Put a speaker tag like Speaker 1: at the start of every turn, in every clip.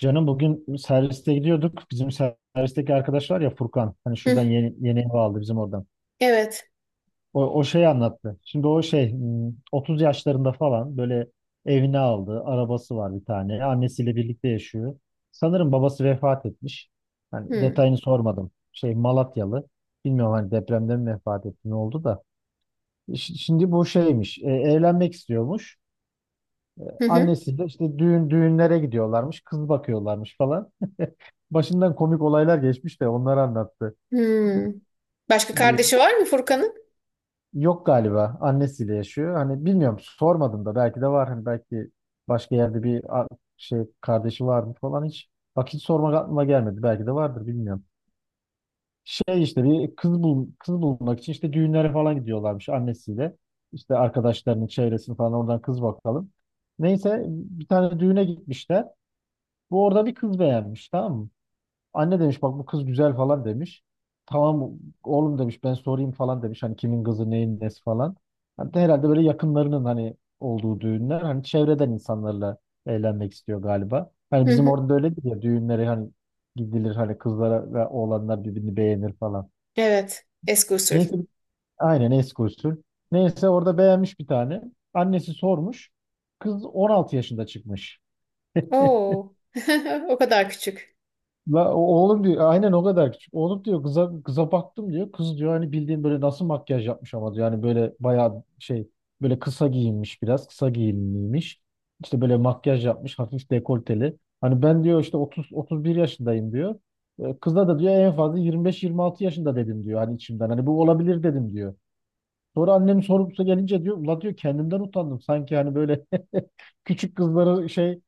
Speaker 1: Canım bugün serviste gidiyorduk. Bizim servisteki arkadaş var ya, Furkan. Hani
Speaker 2: Hı,
Speaker 1: şuradan yeni ev aldı bizim oradan.
Speaker 2: evet.
Speaker 1: O şeyi anlattı. Şimdi o şey 30 yaşlarında falan böyle evini aldı. Arabası var bir tane. Annesiyle birlikte yaşıyor. Sanırım babası vefat etmiş. Hani
Speaker 2: Hı,
Speaker 1: detayını sormadım. Şey, Malatyalı. Bilmiyorum, hani depremden mi vefat etti, ne oldu da. Şimdi bu şeymiş. Evlenmek istiyormuş.
Speaker 2: hı, hı,
Speaker 1: Annesiyle işte düğünlere gidiyorlarmış, kız bakıyorlarmış falan. Başından komik olaylar geçmiş de onları anlattı.
Speaker 2: hı. Başka
Speaker 1: Ee,
Speaker 2: kardeşi var mı Furkan'ın?
Speaker 1: Yok galiba, annesiyle yaşıyor. Hani bilmiyorum, sormadım da, belki de var. Hani belki başka yerde bir şey, kardeşi var mı falan, hiç. Bak, hiç sormak aklıma gelmedi. Belki de vardır, bilmiyorum. Şey, işte bir kız bul kız bulmak için işte düğünlere falan gidiyorlarmış annesiyle. İşte arkadaşlarının çevresini falan, oradan kız bakalım. Neyse, bir tane düğüne gitmişler. Bu orada bir kız beğenmiş, tamam mı? Anne demiş, bak bu kız güzel falan demiş. Tamam oğlum demiş, ben sorayım falan demiş. Hani kimin kızı, neyin nesi falan. Hani de herhalde böyle yakınlarının hani olduğu düğünler. Hani çevreden insanlarla eğlenmek istiyor galiba. Hani
Speaker 2: Hı
Speaker 1: bizim
Speaker 2: hı.
Speaker 1: orada da öyledir ya, düğünlere hani gidilir, hani kızlara ve oğlanlar birbirini beğenir falan.
Speaker 2: Evet. Eski usul.
Speaker 1: Neyse, aynen eski usul. Neyse, orada beğenmiş bir tane. Annesi sormuş. Kız 16 yaşında çıkmış.
Speaker 2: Oo. O kadar küçük.
Speaker 1: La, oğlum diyor, aynen o kadar küçük. Oğlum diyor, kıza baktım diyor. Kız diyor, hani bildiğin böyle nasıl makyaj yapmış ama diyor. Yani böyle bayağı şey, böyle kısa giyinmiş, biraz kısa giyinmiş. İşte böyle makyaj yapmış, hafif dekolteli. Hani ben diyor, işte 30 31 yaşındayım diyor. Kıza da diyor, en fazla 25-26 yaşında dedim diyor, hani içimden. Hani bu olabilir dedim diyor. Sonra annem sorumlusu gelince diyor, ula diyor, kendimden utandım. Sanki hani böyle küçük kızları şey,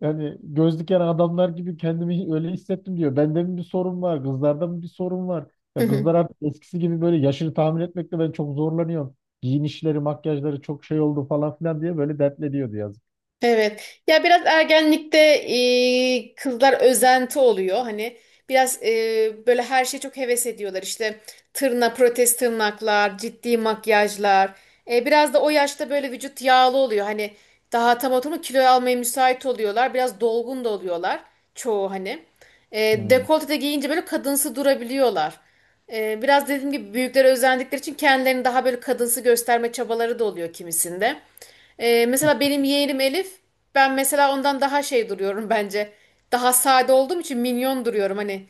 Speaker 1: yani göz diken adamlar gibi kendimi öyle hissettim diyor. Bende mi bir sorun var? Kızlarda mı bir sorun var? Ya, kızlar artık eskisi gibi, böyle yaşını tahmin etmekte ben çok zorlanıyorum. Giyinişleri, makyajları çok şey oldu falan filan diye böyle dertleniyordu, yazık.
Speaker 2: Evet. Ya biraz ergenlikte kızlar özenti oluyor. Hani biraz böyle her şeye çok heves ediyorlar. İşte protez tırnaklar, ciddi makyajlar. Biraz da o yaşta böyle vücut yağlı oluyor. Hani daha tam oturma kilo almaya müsait oluyorlar. Biraz dolgun da oluyorlar çoğu hani.
Speaker 1: Hmm.
Speaker 2: Dekolte de giyince böyle kadınsı durabiliyorlar. Biraz dediğim gibi büyüklere özendikleri için kendilerini daha böyle kadınsı gösterme çabaları da oluyor kimisinde. Mesela benim yeğenim Elif, ben mesela ondan daha şey duruyorum bence. Daha sade olduğum için minyon duruyorum hani.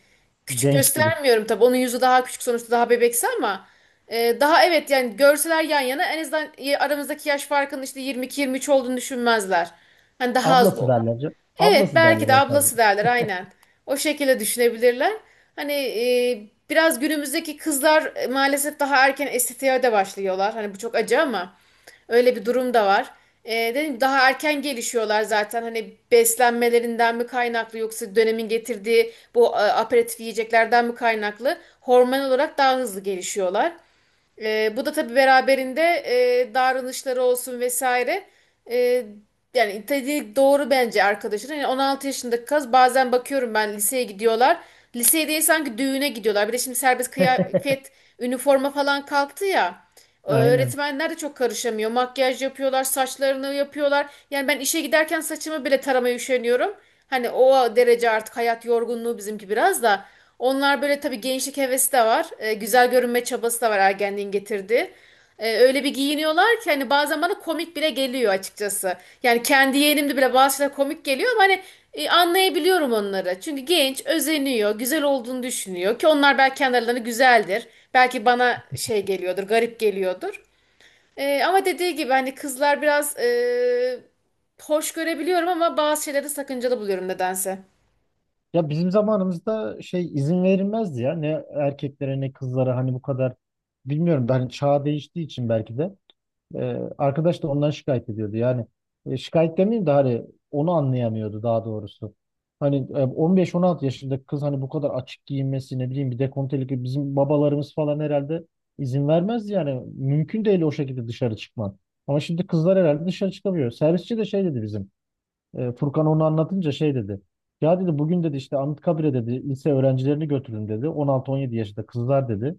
Speaker 2: Küçük
Speaker 1: Genç duruyor.
Speaker 2: göstermiyorum tabii. Onun yüzü daha küçük sonuçta daha bebeksi ama daha evet yani görseler yan yana en azından aramızdaki yaş farkının işte 22-23 olduğunu düşünmezler. Hani daha az.
Speaker 1: Ablası derler.
Speaker 2: Evet,
Speaker 1: Ablası
Speaker 2: belki
Speaker 1: derler
Speaker 2: de
Speaker 1: en fazla.
Speaker 2: ablası derler aynen. O şekilde düşünebilirler. Hani biraz günümüzdeki kızlar maalesef daha erken estetiğe de başlıyorlar. Hani bu çok acı ama öyle bir durum da var. Dedim daha erken gelişiyorlar zaten. Hani beslenmelerinden mi kaynaklı yoksa dönemin getirdiği bu aperatif yiyeceklerden mi kaynaklı? Hormon olarak daha hızlı gelişiyorlar. Bu da tabii beraberinde davranışları olsun vesaire. Ee, Yani dediği doğru bence arkadaşın. Yani 16 yaşındaki kız bazen bakıyorum ben liseye gidiyorlar. Liseye değil sanki düğüne gidiyorlar. Bir de şimdi serbest kıyafet, üniforma falan kalktı ya.
Speaker 1: Aynen.
Speaker 2: Öğretmenler de çok karışamıyor. Makyaj yapıyorlar, saçlarını yapıyorlar. Yani ben işe giderken saçımı bile taramaya üşeniyorum. Hani o derece artık hayat yorgunluğu bizimki biraz da. Onlar böyle tabii gençlik hevesi de var. Güzel görünme çabası da var ergenliğin getirdiği. Öyle bir giyiniyorlar ki hani bazen bana komik bile geliyor açıkçası. Yani kendi yeğenimde bile bazı şeyler komik geliyor ama hani anlayabiliyorum onları. Çünkü genç özeniyor, güzel olduğunu düşünüyor ki onlar belki kendilerine güzeldir. Belki bana şey geliyordur, garip geliyordur. Ama dediği gibi hani kızlar biraz hoş görebiliyorum ama bazı şeyleri sakıncalı buluyorum nedense.
Speaker 1: Ya bizim zamanımızda şey, izin verilmezdi ya. Ne erkeklere ne kızlara, hani bu kadar, bilmiyorum, ben çağ değiştiği için belki de. Arkadaş da ondan şikayet ediyordu. Yani şikayet demeyeyim de hani, onu anlayamıyordu daha doğrusu. Hani 15-16 yaşındaki kız hani bu kadar açık giyinmesi, ne bileyim, bir dekolteli gibi, bizim babalarımız falan herhalde izin vermez yani. Mümkün değil o şekilde dışarı çıkman. Ama şimdi kızlar herhalde dışarı çıkamıyor. Servisçi de şey dedi bizim. Furkan onu anlatınca şey dedi. Ya dedi, bugün dedi işte Anıtkabir'e dedi, lise öğrencilerini götürün dedi. 16-17 yaşında kızlar dedi.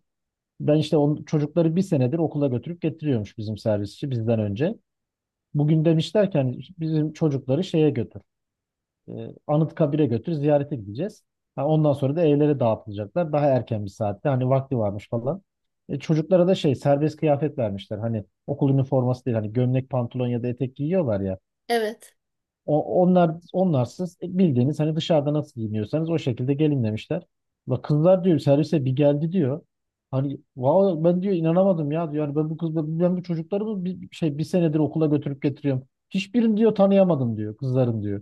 Speaker 1: Ben işte çocukları bir senedir okula götürüp getiriyormuş bizim servisçi, bizden önce. Bugün demişler ki hani bizim çocukları şeye götür. E, Anıtkabir'e götür, ziyarete gideceğiz. Ha, ondan sonra da evlere dağıtılacaklar. Daha erken bir saatte hani, vakti varmış falan. Çocuklara da şey, serbest kıyafet vermişler. Hani okul üniforması değil, hani gömlek pantolon ya da etek giyiyorlar ya.
Speaker 2: Evet.
Speaker 1: Onlar onlarsız bildiğiniz hani dışarıda nasıl giyiniyorsanız o şekilde gelin demişler. Bak kızlar diyor, servise bir geldi diyor. Hani wow, ben diyor inanamadım ya diyor. Yani ben bu çocukları bu bir, şey bir senedir okula götürüp getiriyorum. Hiçbirini diyor tanıyamadım diyor, kızların diyor.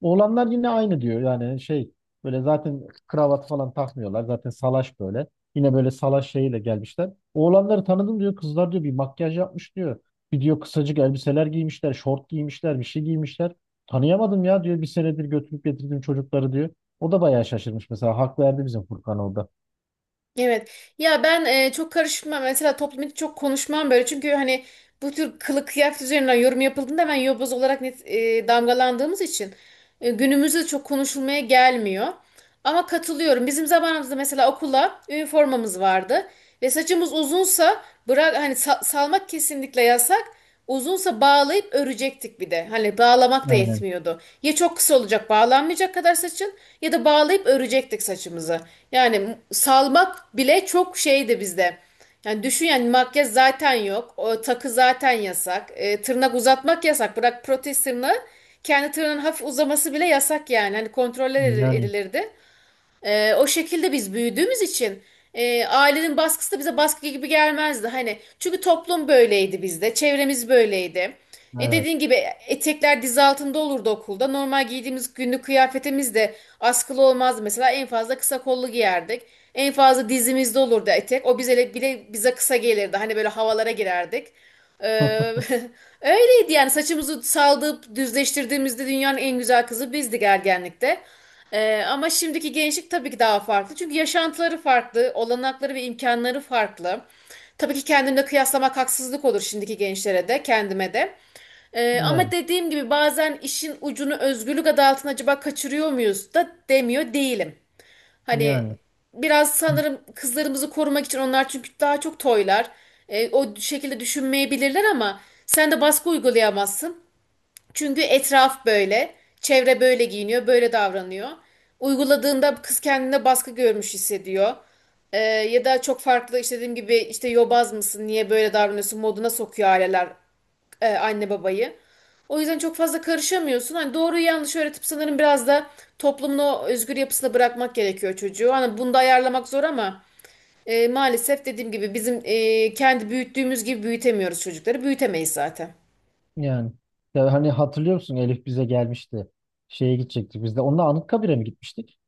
Speaker 1: Oğlanlar yine aynı diyor. Yani şey, böyle zaten kravat falan takmıyorlar. Zaten salaş böyle. Yine böyle salaş şeyiyle gelmişler. Oğlanları tanıdım diyor. Kızlar diyor bir makyaj yapmış diyor. Bir diyor kısacık elbiseler giymişler, şort giymişler, bir şey giymişler. Tanıyamadım ya diyor, bir senedir götürüp getirdim çocukları diyor. O da bayağı şaşırmış mesela. Hak verdi bizim Furkan orada.
Speaker 2: Evet. Ya ben çok karışmam. Mesela toplum için çok konuşmam böyle. Çünkü hani bu tür kılık kıyafet üzerinden yorum yapıldığında ben yobaz olarak net damgalandığımız için günümüzde çok konuşulmaya gelmiyor. Ama katılıyorum. Bizim zamanımızda mesela okula üniformamız vardı ve saçımız uzunsa bırak hani salmak kesinlikle yasak. Uzunsa bağlayıp örecektik bir de. Hani bağlamak da
Speaker 1: Aynen.
Speaker 2: yetmiyordu. Ya çok kısa olacak bağlanmayacak kadar saçın ya da bağlayıp örecektik saçımızı. Yani salmak bile çok şeydi bizde. Yani düşün yani makyaj zaten yok. O takı zaten yasak. Tırnak uzatmak yasak. Bırak protez tırnağı. Kendi tırnağın hafif uzaması bile yasak yani. Hani kontrol
Speaker 1: Yani
Speaker 2: edilirdi. O şekilde biz büyüdüğümüz için ailenin baskısı da bize baskı gibi gelmezdi. Hani çünkü toplum böyleydi bizde, çevremiz böyleydi.
Speaker 1: evet.
Speaker 2: Dediğin gibi etekler diz altında olurdu okulda. Normal giydiğimiz günlük kıyafetimiz de askılı olmazdı. Mesela en fazla kısa kollu giyerdik. En fazla dizimizde olurdu etek. O bize bile bize kısa gelirdi. Hani böyle havalara girerdik. Ee, Öyleydi yani saçımızı saldırıp düzleştirdiğimizde dünyanın en güzel kızı bizdik ergenlikte. Ama şimdiki gençlik tabii ki daha farklı. Çünkü yaşantıları farklı, olanakları ve imkanları farklı. Tabii ki kendimle kıyaslamak haksızlık olur şimdiki gençlere de, kendime de. Ama
Speaker 1: Yani
Speaker 2: dediğim gibi bazen işin ucunu özgürlük adı altında acaba kaçırıyor muyuz da demiyor değilim. Hani
Speaker 1: yani
Speaker 2: biraz sanırım kızlarımızı korumak için onlar çünkü daha çok toylar. O şekilde düşünmeyebilirler ama sen de baskı uygulayamazsın. Çünkü etraf böyle, çevre böyle giyiniyor, böyle davranıyor. Uyguladığında kız kendine baskı görmüş hissediyor. Ya da çok farklı işte dediğim gibi işte yobaz mısın, niye böyle davranıyorsun moduna sokuyor aileler anne babayı. O yüzden çok fazla karışamıyorsun. Hani doğruyu yanlış öğretip sanırım biraz da toplumun o özgür yapısına bırakmak gerekiyor çocuğu. Hani bunu da ayarlamak zor ama maalesef dediğim gibi bizim kendi büyüttüğümüz gibi büyütemiyoruz çocukları. Büyütemeyiz zaten.
Speaker 1: yani. Ya hani hatırlıyor musun, Elif bize gelmişti. Şeye gidecektik biz de. Onunla Anıtkabir'e mi gitmiştik?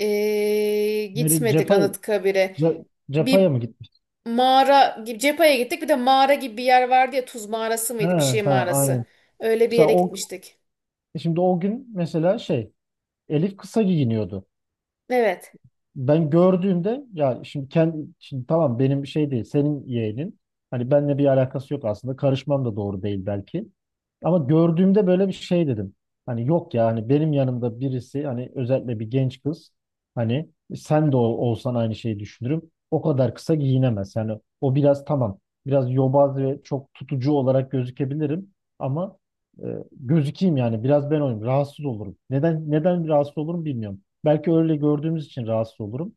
Speaker 1: Nereye,
Speaker 2: Gitmedik
Speaker 1: Cepa'ya,
Speaker 2: Anıtkabir'e.
Speaker 1: Ce- Cepa'ya
Speaker 2: Bir
Speaker 1: mı gitmiştik?
Speaker 2: mağara gibi Cepa'ya gittik. Bir de mağara gibi bir yer vardı ya Tuz mağarası mıydı bir
Speaker 1: Ha,
Speaker 2: şey
Speaker 1: ha,
Speaker 2: mağarası.
Speaker 1: aynen.
Speaker 2: Öyle bir
Speaker 1: Mesela
Speaker 2: yere
Speaker 1: o,
Speaker 2: gitmiştik.
Speaker 1: şimdi o gün mesela şey, Elif kısa giyiniyordu.
Speaker 2: Evet.
Speaker 1: Ben gördüğümde, ya şimdi kendi, şimdi tamam benim şey değil, senin yeğenin, hani benimle bir alakası yok, aslında karışmam da doğru değil belki, ama gördüğümde böyle bir şey dedim. Hani yok ya, hani benim yanımda birisi, hani özellikle bir genç kız, hani sen de olsan aynı şeyi düşünürüm, o kadar kısa giyinemez yani. O biraz, tamam, biraz yobaz ve çok tutucu olarak gözükebilirim ama, e, gözükeyim yani. Biraz ben oyum, rahatsız olurum, neden rahatsız olurum bilmiyorum. Belki öyle gördüğümüz için rahatsız olurum.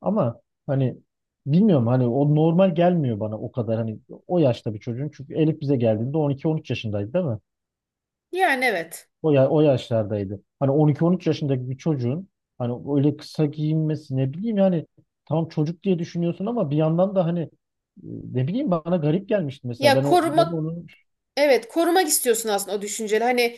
Speaker 1: Ama hani bilmiyorum, hani o normal gelmiyor bana o kadar, hani o yaşta bir çocuğun. Çünkü Elif bize geldiğinde 12-13 yaşındaydı değil mi?
Speaker 2: Yani evet.
Speaker 1: O, ya, o yaşlardaydı. Hani 12-13 yaşındaki bir çocuğun hani öyle kısa giyinmesi, ne bileyim yani, tam çocuk diye düşünüyorsun ama bir yandan da hani ne bileyim, bana garip gelmişti mesela.
Speaker 2: Ya
Speaker 1: Ben
Speaker 2: koruma
Speaker 1: onu,
Speaker 2: Evet, korumak istiyorsun aslında o düşünceli. Hani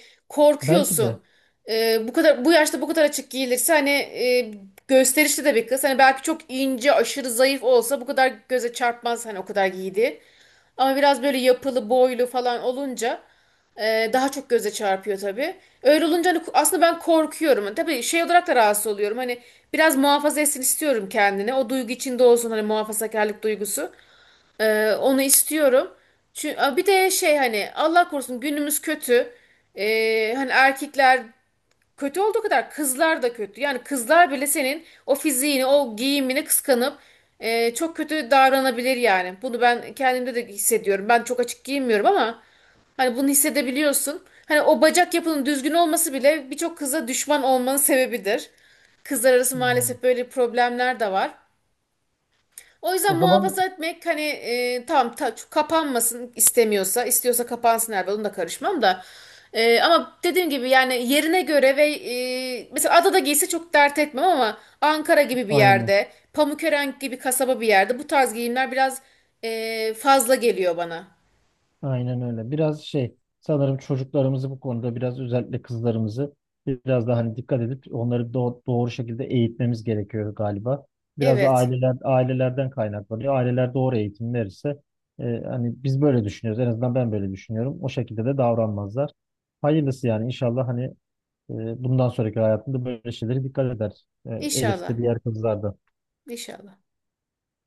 Speaker 1: belki de.
Speaker 2: korkuyorsun. Bu kadar bu yaşta bu kadar açık giyilirse hani gösterişli de bir kız. Hani belki çok ince, aşırı zayıf olsa bu kadar göze çarpmaz hani o kadar giydi. Ama biraz böyle yapılı, boylu falan olunca daha çok göze çarpıyor tabii. Öyle olunca hani aslında ben korkuyorum. Tabii şey olarak da rahatsız oluyorum. Hani biraz muhafaza etsin istiyorum kendini. O duygu içinde olsun hani muhafazakarlık duygusu. Onu istiyorum. Çünkü bir de şey hani Allah korusun günümüz kötü. Hani erkekler kötü olduğu kadar kızlar da kötü. Yani kızlar bile senin o fiziğini, o giyimini kıskanıp çok kötü davranabilir yani. Bunu ben kendimde de hissediyorum. Ben çok açık giyinmiyorum ama hani bunu hissedebiliyorsun. Hani o bacak yapının düzgün olması bile birçok kıza düşman olmanın sebebidir. Kızlar arası
Speaker 1: Hmm.
Speaker 2: maalesef böyle problemler de var. O
Speaker 1: O
Speaker 2: yüzden
Speaker 1: zaman
Speaker 2: muhafaza etmek hani tamam kapanmasın istemiyorsa istiyorsa kapansın herhalde onu da karışmam da. Ama dediğim gibi yani yerine göre ve mesela adada giyse çok dert etmem ama Ankara gibi bir
Speaker 1: aynı.
Speaker 2: yerde, Pamukören gibi kasaba bir yerde bu tarz giyimler biraz fazla geliyor bana.
Speaker 1: Aynen öyle. Biraz şey, sanırım çocuklarımızı bu konuda biraz, özellikle kızlarımızı biraz daha hani dikkat edip onları doğru şekilde eğitmemiz gerekiyor galiba. Biraz da
Speaker 2: Evet.
Speaker 1: ailelerden kaynaklanıyor. Aileler doğru eğitim verirse hani biz böyle düşünüyoruz. En azından ben böyle düşünüyorum. O şekilde de davranmazlar. Hayırlısı yani, inşallah hani bundan sonraki hayatında böyle şeylere dikkat eder. Elif
Speaker 2: İnşallah.
Speaker 1: de, diğer kızlar da.
Speaker 2: İnşallah.